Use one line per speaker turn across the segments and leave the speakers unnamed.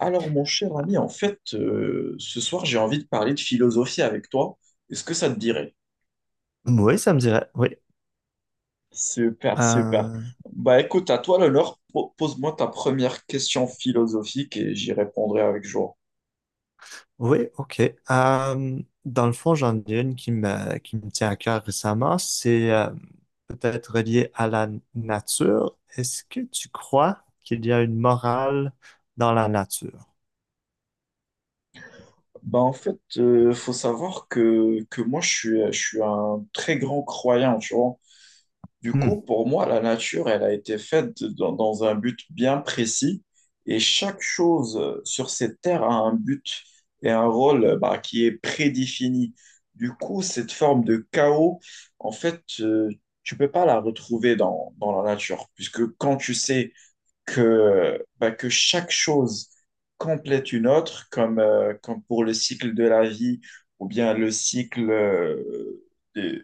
Alors, mon cher ami, ce soir, j'ai envie de parler de philosophie avec toi. Est-ce que ça te dirait?
Oui, ça me dirait. Oui.
Super, super.
Euh,
Bah écoute, à toi l'honneur, pose-moi ta première question philosophique et j'y répondrai avec joie.
oui, OK. Euh, dans le fond, j'en ai une qui me tient à cœur récemment. C'est peut-être relié à la nature. Est-ce que tu crois qu'il y a une morale dans la nature?
Bah en fait, faut savoir que moi, je suis un très grand croyant, tu vois. Du
Hmm.
coup, pour moi, la nature, elle a été faite dans un but bien précis, et chaque chose sur cette terre a un but et un rôle, bah, qui est prédéfini. Du coup, cette forme de chaos, en fait, tu peux pas la retrouver dans la nature, puisque quand tu sais que, bah, que chaque chose complète une autre, comme, comme pour le cycle de la vie ou bien le des-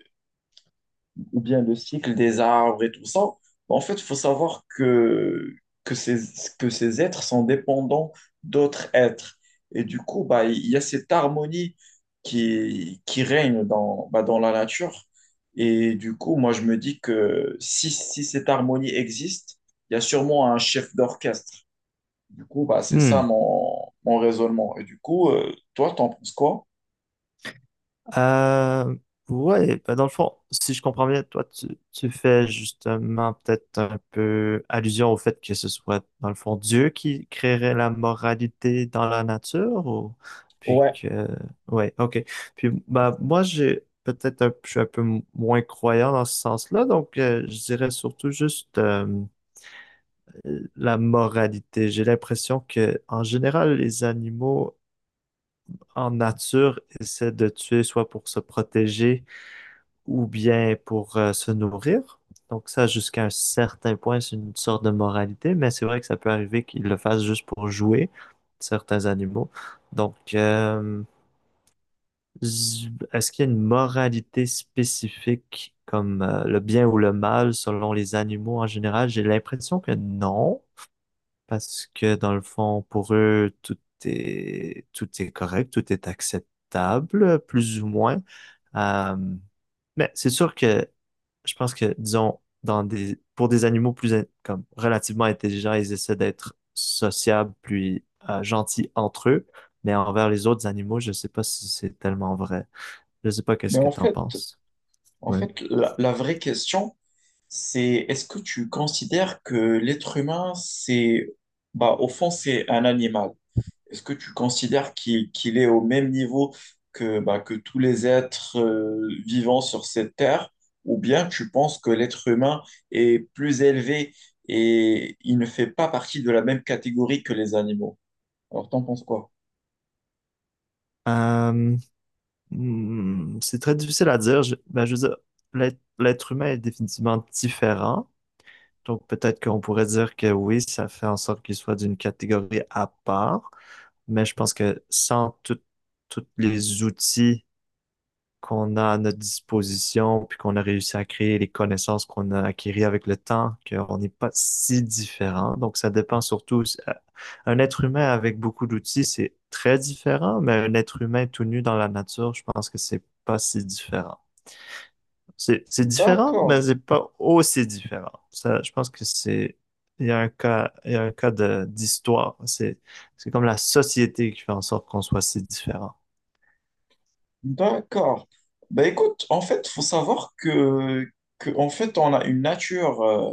ou bien le cycle des arbres et tout ça, ben, en fait, il faut savoir que, ces, que ces êtres sont dépendants d'autres êtres. Et du coup, bah, il y a cette harmonie qui règne dans, bah, dans la nature. Et du coup, moi, je me dis que si cette harmonie existe, il y a sûrement un chef d'orchestre. Du coup, bah, c'est
Hmm.
ça mon raisonnement. Et du coup, toi, t'en penses quoi?
Euh, ouais, bah, dans le fond, si je comprends bien, tu fais justement peut-être un peu allusion au fait que ce soit, dans le fond, Dieu qui créerait la moralité dans la nature, ou... puis
Ouais.
que, ouais, ok. Puis, bah, moi, je suis un peu moins croyant dans ce sens-là, donc je dirais surtout juste la moralité. J'ai l'impression que, en général, les animaux en nature essaient de tuer soit pour se protéger ou bien pour se nourrir. Donc ça, jusqu'à un certain point, c'est une sorte de moralité, mais c'est vrai que ça peut arriver qu'ils le fassent juste pour jouer certains animaux. Donc, est-ce qu'il y a une moralité spécifique comme le bien ou le mal selon les animaux en général? J'ai l'impression que non, parce que dans le fond, pour eux, tout est correct, tout est acceptable, plus ou moins. Euh, mais c'est sûr que je pense que, disons, pour des animaux comme relativement intelligents, ils essaient d'être sociables puis gentils entre eux. Mais envers les autres animaux, je sais pas si c'est tellement vrai. Je sais pas qu'est-ce
Mais
que t'en penses.
en
Ouais.
fait la vraie question, c'est, est-ce que tu considères que l'être humain, c'est, bah, au fond, c'est un animal. Est-ce que tu considères qu'il est au même niveau que tous les êtres vivants sur cette terre, ou bien tu penses que l'être humain est plus élevé et il ne fait pas partie de la même catégorie que les animaux? Alors, t'en penses quoi?
Euh, c'est très difficile à dire. Ben, je veux dire, l'être humain est définitivement différent. Donc, peut-être qu'on pourrait dire que oui, ça fait en sorte qu'il soit d'une catégorie à part. Mais je pense que sans tous les outils qu'on a à notre disposition, puis qu'on a réussi à créer les connaissances qu'on a acquises avec le temps, qu'on n'est pas si différent. Donc, ça dépend surtout. Un être humain avec beaucoup d'outils, c'est très différent, mais un être humain tout nu dans la nature, je pense que c'est pas si différent. C'est différent,
D'accord,
mais c'est pas aussi différent. Ça, je pense que c'est il y a un cas de d'histoire. C'est comme la société qui fait en sorte qu'on soit si différent.
d'accord. Bah écoute, en fait, faut savoir que en fait, on a une nature,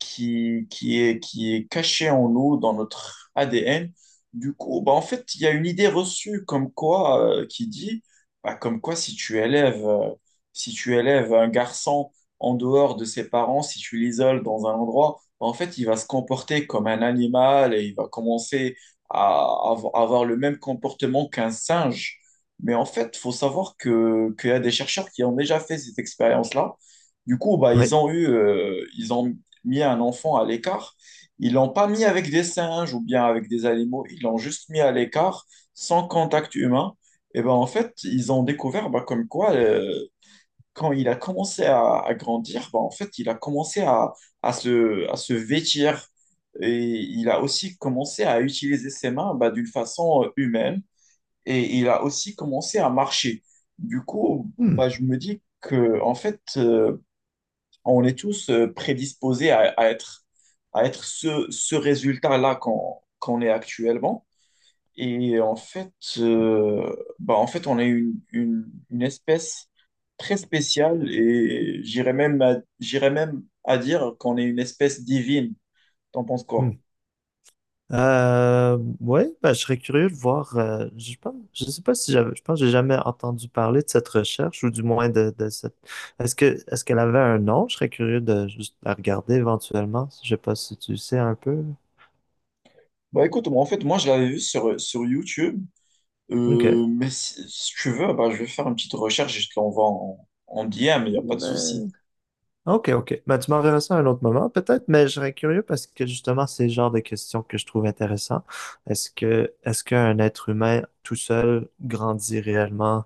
qui est caché en nous, dans notre ADN. Du coup, bah, en fait, il y a une idée reçue comme quoi, qui dit, bah, comme quoi si tu élèves un garçon en dehors de ses parents, si tu l'isoles dans un endroit, bah, en fait, il va se comporter comme un animal et il va commencer à avoir le même comportement qu'un singe. Mais en fait, il faut savoir que, qu'il y a des chercheurs qui ont déjà fait cette expérience-là. Du coup, bah,
Ouais.
ils ont mis un enfant à l'écart. Ils l'ont pas mis avec des singes ou bien avec des animaux, ils l'ont juste mis à l'écart, sans contact humain. Et ben en fait, ils ont découvert bah, comme quoi, quand il a commencé à grandir, bah, en fait, il a commencé à se vêtir. Et il a aussi commencé à utiliser ses mains bah, d'une façon humaine. Et il a aussi commencé à marcher. Du coup,
Hmm,
bah, je me dis que, en fait, on est tous prédisposés à être ce résultat-là qu'on est actuellement. Et en fait, on est une espèce très spéciale et j'irais même à dire qu'on est une espèce divine. T'en penses
hmm.
quoi?
Ouais, ben, je serais curieux de voir. Je pense, je sais pas si j'avais, je pense que j'ai jamais entendu parler de cette recherche ou du moins de cette. Est-ce qu'elle avait un nom? Je serais curieux de juste la regarder éventuellement. Je sais pas si tu sais un peu.
Bah écoute, moi, en fait, moi, je l'avais vu sur YouTube.
Ok.
Mais si, si tu veux, bah, je vais faire une petite recherche et je te l'envoie en DM, il n'y a pas de souci.
Ben, OK, OK. Ben, tu m'enverras ça à un autre moment, peut-être, mais je serais curieux parce que justement, c'est le genre de questions que je trouve intéressant. Est-ce qu'un être humain tout seul grandit réellement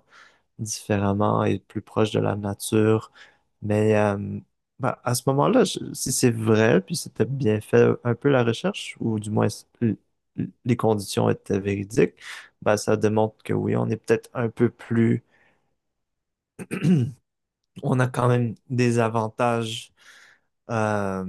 différemment et plus proche de la nature? Mais à ce moment-là, si c'est vrai, puis c'était bien fait un peu la recherche, ou du moins l- les conditions étaient véridiques, ben, ça démontre que oui, on est peut-être un peu plus on a quand même des avantages euh,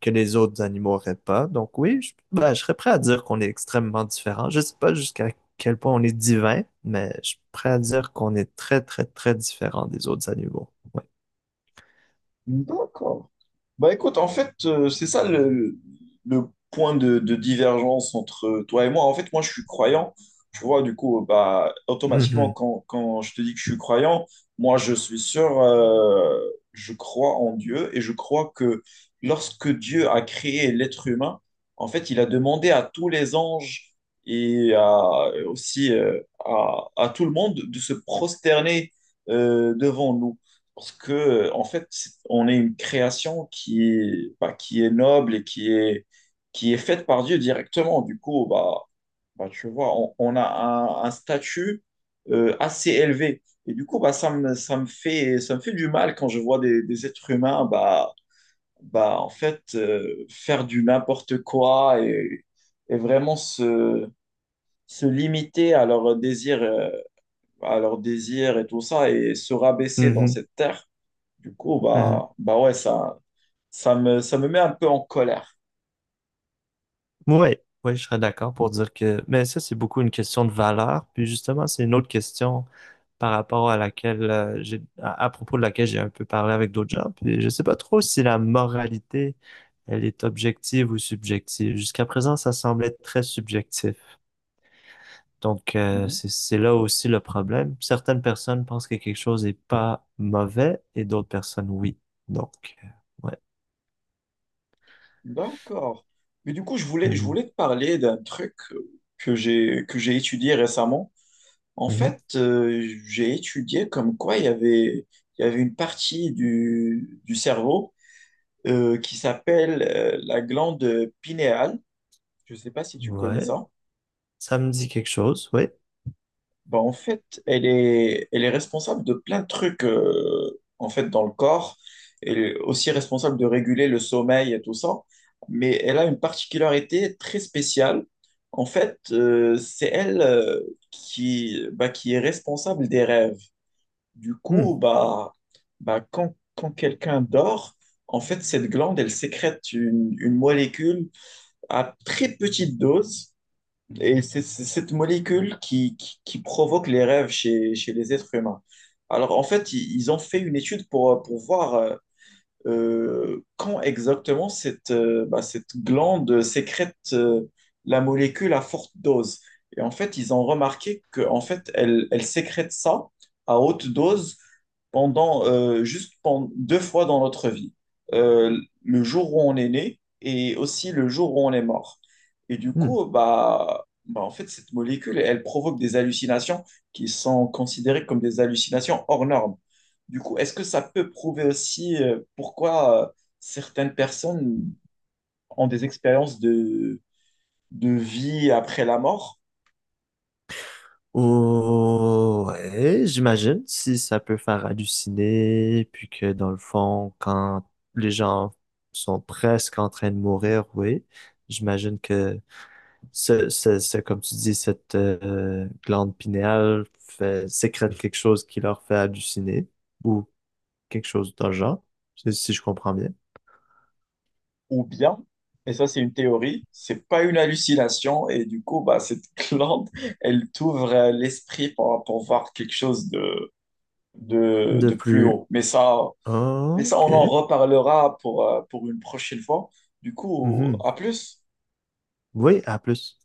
que les autres animaux n'auraient pas. Donc oui, ben, je serais prêt à dire qu'on est extrêmement différents. Je sais pas jusqu'à quel point on est divin, mais je suis prêt à dire qu'on est très, très, très différent des autres animaux. Ouais.
D'accord. Bah écoute, en fait, c'est ça le point de divergence entre toi et moi. En fait, moi, je suis croyant. Tu vois, du coup, bah, automatiquement,
Mhm,
quand je te dis que je suis croyant, moi, je suis sûr, je crois en Dieu et je crois que lorsque Dieu a créé l'être humain, en fait, il a demandé à tous les anges et aussi à tout le monde de se prosterner devant nous. Parce que, en fait, c'est- on est une création qui est, bah, qui est noble et qui est faite par Dieu directement. Du coup, bah, bah, tu vois, on a un statut assez élevé. Et du coup, bah, ça me fait du mal quand je vois des êtres humains, bah, bah, en fait, faire du n'importe quoi et vraiment se limiter à leurs désirs et tout ça et se rabaisser dans
mhm,
cette terre. Du coup,
mhm.
bah, bah ouais, ça, ça me met un peu en colère.
Ouais, ouais, je serais d'accord pour dire que... Mais ça, c'est beaucoup une question de valeur. Puis justement, c'est une autre question. Par rapport à laquelle à propos de laquelle j'ai un peu parlé avec d'autres gens. Puis je sais pas trop si la moralité, elle est objective ou subjective. Jusqu'à présent, ça semblait très subjectif. Donc
Mhm.
c'est là aussi le problème. Certaines personnes pensent que quelque chose n'est pas mauvais et d'autres personnes oui. Donc ouais.
D'accord. Mais du coup, je
Mhm.
voulais te parler d'un truc que j'ai étudié récemment. En
Mhm.
fait, j'ai étudié comme quoi il y avait une partie du cerveau qui s'appelle la glande pinéale. Je ne sais pas si tu connais
Ouais,
ça.
ça me dit quelque chose, oui.
Bah, en fait, elle est responsable de plein de trucs en fait dans le corps. Elle est aussi responsable de réguler le sommeil et tout ça. Mais elle a une particularité très spéciale. En fait, c'est elle qui, bah, qui est responsable des rêves. Du coup, bah, bah, quand quelqu'un dort, en fait, cette glande, elle sécrète une molécule à très petite dose et c'est cette molécule qui provoque les rêves chez les êtres humains. Alors, en fait, ils ont fait une étude pour voir quand exactement cette, cette glande sécrète la molécule à forte dose. Et en fait, ils ont remarqué que en fait, elle, elle sécrète ça à haute dose pendant deux fois dans notre vie. Euh, le jour où on est né et aussi le jour où on est mort. Et du
Hmm.
coup, bah, bah en fait, cette molécule, elle provoque des hallucinations qui sont considérées comme des hallucinations hors normes. Du coup, est-ce que ça peut prouver aussi pourquoi certaines personnes ont des expériences de vie après la mort?
Ouais, j'imagine si ça peut faire halluciner, puis que dans le fond, quand les gens sont presque en train de mourir, oui, j'imagine que comme tu dis, cette glande pinéale fait, sécrète quelque chose qui leur fait halluciner, ou quelque chose dans le genre, si je comprends bien.
Ou bien, et ça c'est une théorie, c'est pas une hallucination et du coup bah cette glande elle t'ouvre l'esprit pour voir quelque chose
De
de plus
plus,
haut. Mais ça
ok.
on en reparlera pour une prochaine fois. Du coup,
Mhm.
à plus.
Oui, à plus.